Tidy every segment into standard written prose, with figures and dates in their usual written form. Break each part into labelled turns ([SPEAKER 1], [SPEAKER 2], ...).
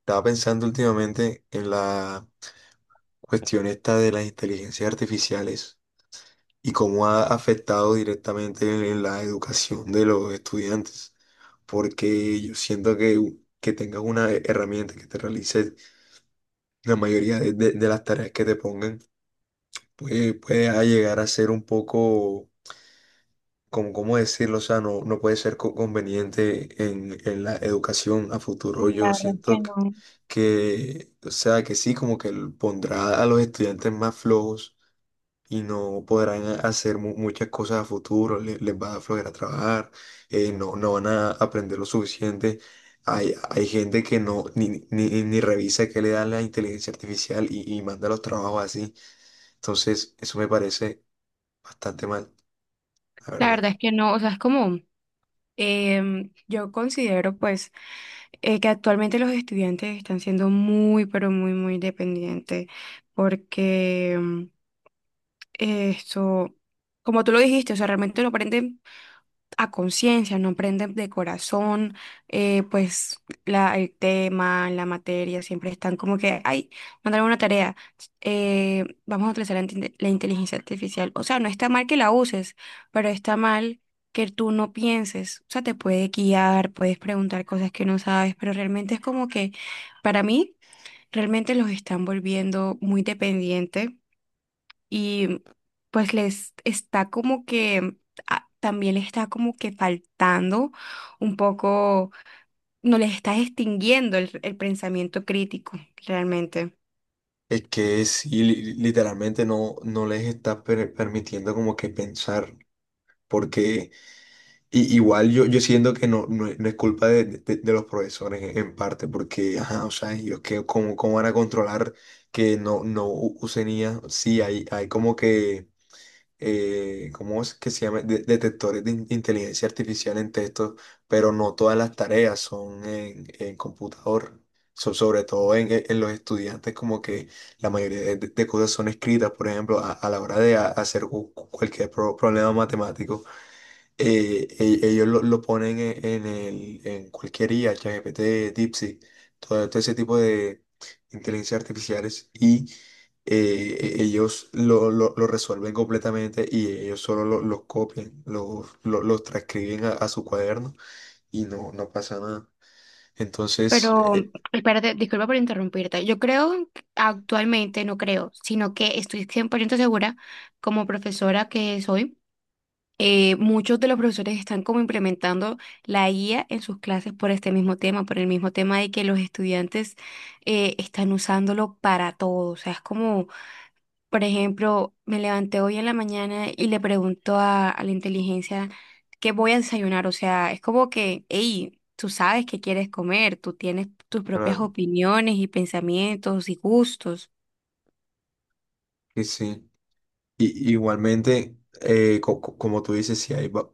[SPEAKER 1] Estaba pensando últimamente en la cuestión esta de las inteligencias artificiales y cómo ha afectado directamente en la educación de los estudiantes, porque yo siento que que tengas una herramienta que te realice la mayoría de de las tareas que te pongan, puede a llegar a ser un poco como cómo decirlo, o sea, no puede ser conveniente en la educación a futuro.
[SPEAKER 2] La
[SPEAKER 1] Yo
[SPEAKER 2] verdad es que
[SPEAKER 1] siento
[SPEAKER 2] no.
[SPEAKER 1] o sea, que sí, como que pondrá a los estudiantes más flojos y no podrán hacer muchas cosas a futuro, les va a flojera trabajar, no van a aprender lo suficiente. Hay gente que no ni revisa qué le da la inteligencia artificial y manda los trabajos así. Entonces, eso me parece bastante mal, la
[SPEAKER 2] La
[SPEAKER 1] verdad.
[SPEAKER 2] verdad es que no, o sea, es como, yo considero pues, que actualmente los estudiantes están siendo muy, pero muy, muy dependientes porque esto, como tú lo dijiste, o sea, realmente lo aprenden a conciencia, no aprenden de corazón, pues el tema, la materia, siempre están como que, ay, mandaron una tarea, vamos a utilizar la inteligencia artificial. O sea, no está mal que la uses, pero está mal que tú no pienses. O sea, te puede guiar, puedes preguntar cosas que no sabes, pero realmente es como que, para mí, realmente los están volviendo muy dependientes y pues les está como que ah, también les está como que faltando un poco, no les está extinguiendo el pensamiento crítico realmente.
[SPEAKER 1] Es que sí, literalmente no les está permitiendo como que pensar, porque igual yo siento que es no es culpa de de los profesores en parte, porque, ajá, o sea, ellos que cómo van a controlar que no usen IA, sí, hay como que ¿cómo es que se llama? Detectores de inteligencia artificial en texto, pero no todas las tareas son en computador. Sobre todo en en los estudiantes, como que la mayoría de cosas son escritas, por ejemplo, a la hora de hacer cualquier problema matemático ellos lo ponen en cualquier IA, ChatGPT, DeepSeek, todo ese tipo de inteligencias artificiales y ellos lo lo resuelven completamente y ellos solo los copian, los los transcriben a su cuaderno y no pasa nada. Entonces,
[SPEAKER 2] Pero, espérate, disculpa por interrumpirte. Yo creo, que actualmente no creo, sino que estoy 100% segura, como profesora que soy, muchos de los profesores están como implementando la IA en sus clases por este mismo tema, por el mismo tema de que los estudiantes están usándolo para todo. O sea, es como, por ejemplo, me levanté hoy en la mañana y le pregunto a la inteligencia qué voy a desayunar. O sea, es como que, hey, tú sabes qué quieres comer, tú tienes tus propias
[SPEAKER 1] claro
[SPEAKER 2] opiniones y pensamientos y gustos.
[SPEAKER 1] que sí. Y igualmente, como tú dices,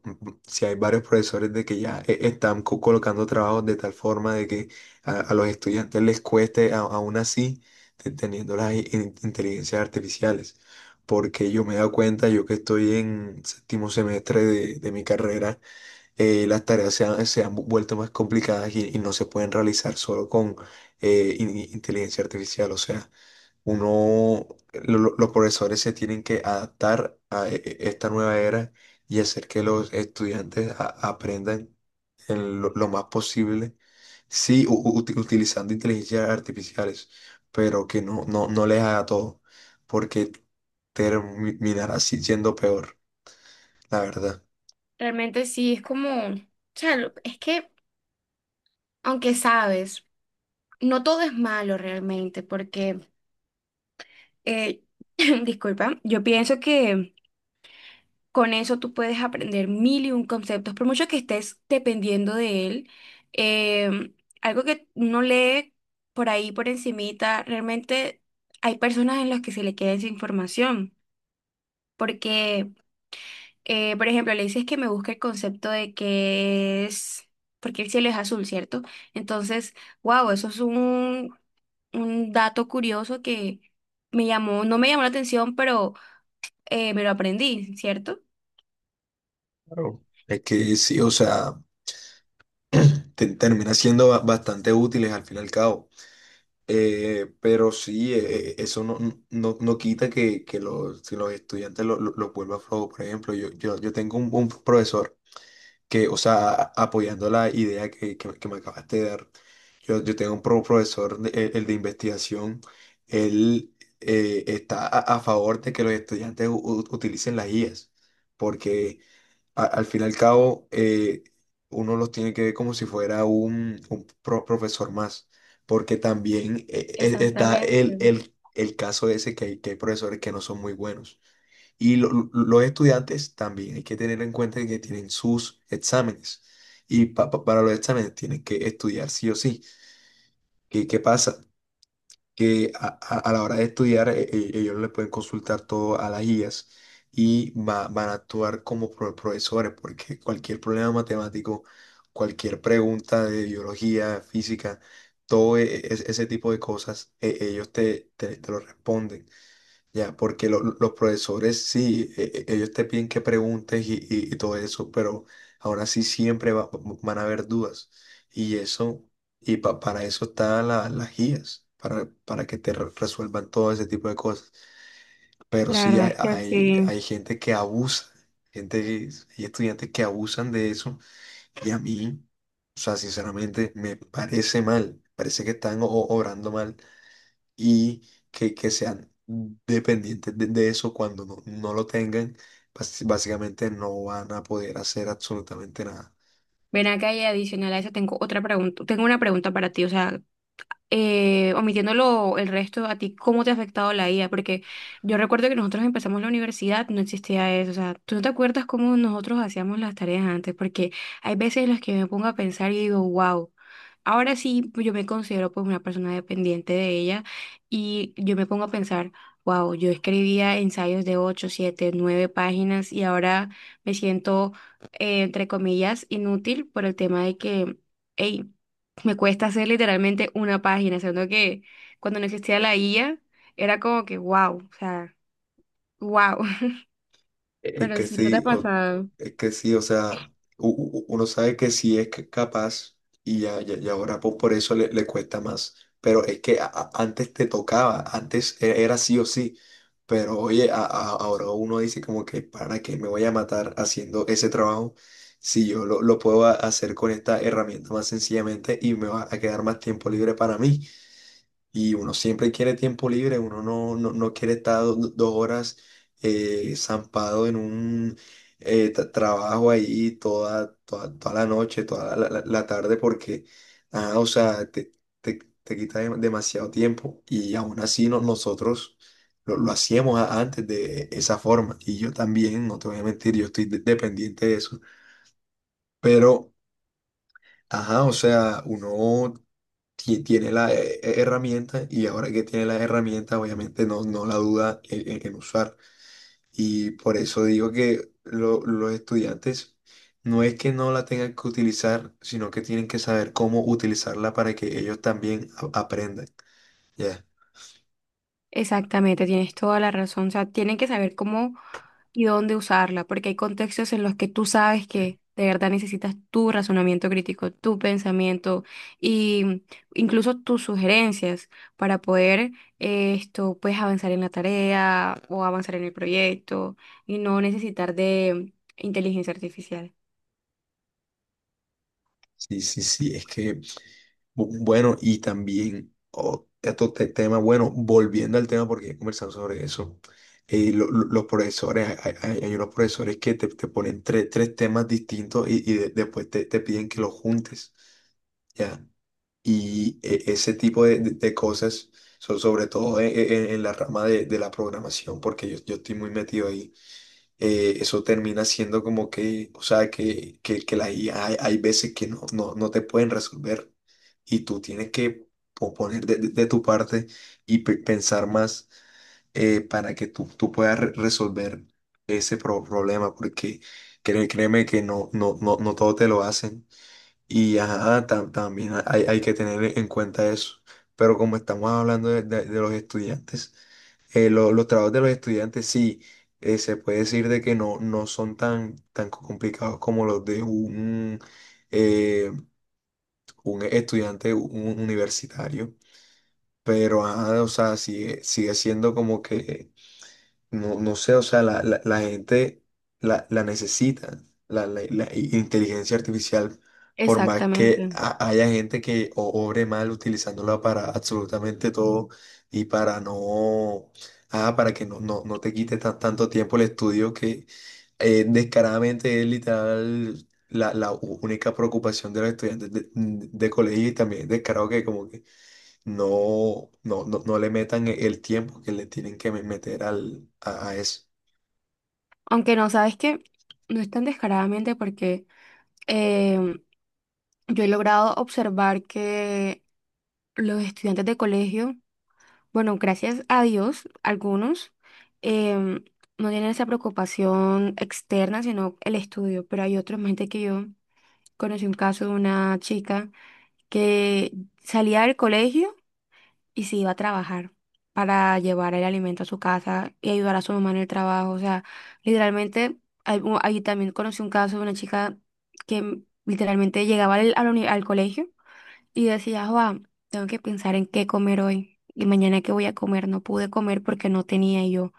[SPEAKER 1] si hay varios profesores de que ya están colocando trabajos de tal forma de que a los estudiantes les cueste, aún así, teniendo las inteligencias artificiales. Porque yo me he dado cuenta, yo que estoy en séptimo semestre de mi carrera, las tareas se han vuelto más complicadas y no se pueden realizar solo con inteligencia artificial. O sea, uno, los profesores se tienen que adaptar a esta nueva era y hacer que los estudiantes aprendan en lo más posible, sí, utilizando inteligencias artificiales, pero que no les haga todo, porque terminará así siendo peor, la verdad.
[SPEAKER 2] Realmente sí, es como, o sea, es que aunque sabes, no todo es malo realmente, porque, eh, disculpa, yo pienso que con eso tú puedes aprender mil y un conceptos, por mucho que estés dependiendo de él. eh, algo que uno lee por ahí, por encimita, realmente hay personas en las que se le queda esa información, porque por ejemplo, le dices que me busque el concepto de que es, porque el cielo es azul, ¿cierto? Entonces, wow, eso es un dato curioso que me llamó, no me llamó la atención, pero me lo aprendí, ¿cierto?
[SPEAKER 1] Claro. Es que sí, o sea, termina siendo bastante útiles al fin y al cabo. Pero sí, eso no quita que los estudiantes los vuelva flojo. Por ejemplo, yo tengo un profesor que, o sea, apoyando la idea que me acabaste de dar, yo tengo un profesor, el de investigación, él está a favor de que los estudiantes utilicen las IAs, porque al fin y al cabo, uno los tiene que ver como si fuera un profesor más, porque también está
[SPEAKER 2] Exactamente.
[SPEAKER 1] el caso ese que que hay profesores que no son muy buenos. Y los estudiantes también hay que tener en cuenta que tienen sus exámenes. Y para los exámenes tienen que estudiar sí o sí. ¿Qué pasa? Que a la hora de estudiar ellos le pueden consultar todo a las guías y van a actuar como profesores, porque cualquier problema matemático, cualquier pregunta de biología, física, todo ese tipo de cosas, ellos te lo responden. Ya, porque los profesores sí, ellos te piden que preguntes y todo eso, pero ahora sí van a haber dudas. Y eso, y para eso están las guías, para que te resuelvan todo ese tipo de cosas. Pero
[SPEAKER 2] La
[SPEAKER 1] sí
[SPEAKER 2] verdad es que sí.
[SPEAKER 1] hay gente que abusa, gente, que- hay estudiantes que abusan de eso. Y a mí, o sea, sinceramente, me parece mal, parece que están obrando mal y que sean dependientes de eso cuando no lo tengan, básicamente no van a poder hacer absolutamente nada.
[SPEAKER 2] Ven acá y adicional a eso tengo otra pregunta, tengo una pregunta para ti, o sea, omitiéndolo el resto, ¿a ti cómo te ha afectado la IA? Porque yo recuerdo que nosotros empezamos la universidad, no existía eso, o sea, tú no te acuerdas cómo nosotros hacíamos las tareas antes, porque hay veces en las que me pongo a pensar y digo, wow. Ahora sí, yo me considero pues una persona dependiente de ella y yo me pongo a pensar, wow, yo escribía ensayos de 8 7 9 páginas y ahora me siento, entre comillas, inútil por el tema de que, hey, me cuesta hacer literalmente una página, siendo que cuando no existía la IA era como que wow, o sea, wow,
[SPEAKER 1] Es
[SPEAKER 2] pero
[SPEAKER 1] que
[SPEAKER 2] si no te ha
[SPEAKER 1] sí, o,
[SPEAKER 2] pasado.
[SPEAKER 1] es que sí, o sea, uno sabe que sí es capaz y ahora por eso le cuesta más. Pero es que antes te tocaba, antes era sí o sí. Pero oye, ahora uno dice como que para qué me voy a matar haciendo ese trabajo si yo lo puedo hacer con esta herramienta más sencillamente y me va a quedar más tiempo libre para mí y uno siempre quiere tiempo libre, uno no quiere estar dos horas zampado en un trabajo ahí toda la noche, toda la tarde, porque, ah, o sea, te quita demasiado tiempo y aún así nosotros lo hacíamos antes de esa forma y yo también, no te voy a mentir, yo estoy dependiente de eso, pero, ajá, o sea, uno tiene la herramienta y ahora que tiene la herramienta, obviamente no la duda en en usar. Y por eso digo que los estudiantes no es que no la tengan que utilizar, sino que tienen que saber cómo utilizarla para que ellos también aprendan. ¿Ya?
[SPEAKER 2] Exactamente, tienes toda la razón. O sea, tienen que saber cómo y dónde usarla, porque hay contextos en los que tú sabes que de verdad necesitas tu razonamiento crítico, tu pensamiento y mm, incluso tus sugerencias para poder pues avanzar en la tarea o avanzar en el proyecto y no necesitar de inteligencia artificial.
[SPEAKER 1] Sí, sí, sí, es que, bueno, y también otro tema, bueno, volviendo al tema, porque he conversado sobre eso, los profesores, hay unos profesores que te ponen tres temas distintos después te piden que los juntes, ¿ya? Y ese tipo de cosas son sobre todo en la rama de la programación, porque yo estoy muy metido ahí eso termina siendo como que, o sea, que la IA hay veces que no te pueden resolver y tú tienes que poner de tu parte y pensar más para que tú puedas resolver ese problema, porque créeme que no todo te lo hacen y ajá, también hay que tener en cuenta eso. Pero como estamos hablando de de los estudiantes, los trabajos de los estudiantes sí, se puede decir de que no, no tan complicados como los de un eh, un estudiante universitario, pero ajá, o sea, sigue siendo como que no, no sé, o sea, la gente la necesita, la inteligencia artificial, por más que
[SPEAKER 2] Exactamente.
[SPEAKER 1] haya gente que obre mal utilizándola para absolutamente todo y para no, ah, para que no te quite tanto tiempo el estudio que descaradamente es literal la única preocupación de los estudiantes de colegio y también es descarado que como que no le metan el tiempo que le tienen que meter a eso.
[SPEAKER 2] Aunque no, sabes que no es tan descaradamente porque em, yo he logrado observar que los estudiantes de colegio, bueno, gracias a Dios, algunos em, no tienen esa preocupación externa, sino el estudio, pero hay otros, gente que yo conocí un caso de una chica que salía del colegio y se iba a trabajar para llevar el alimento a su casa y ayudar a su mamá en el trabajo, o sea, literalmente, ahí también conocí un caso de una chica que literalmente llegaba al colegio. Y decía, Juan, tengo que pensar en qué comer hoy y mañana qué voy a comer. No pude comer porque no tenía y yo,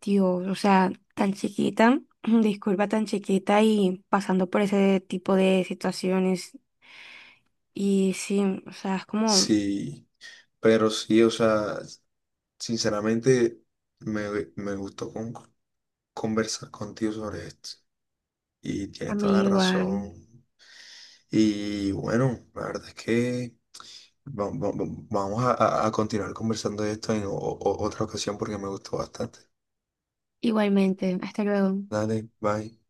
[SPEAKER 2] tío, o sea, tan chiquita, disculpa, tan chiquita y pasando por ese tipo de situaciones. Y sí, o sea, es como
[SPEAKER 1] Sí, pero sí, o sea, sinceramente me, me gustó conversar contigo sobre esto y
[SPEAKER 2] a
[SPEAKER 1] tienes toda la
[SPEAKER 2] mí igual,
[SPEAKER 1] razón. Y bueno, la verdad es que vamos a continuar conversando de esto en otra ocasión porque me gustó bastante.
[SPEAKER 2] igualmente. Hasta luego.
[SPEAKER 1] Dale, bye.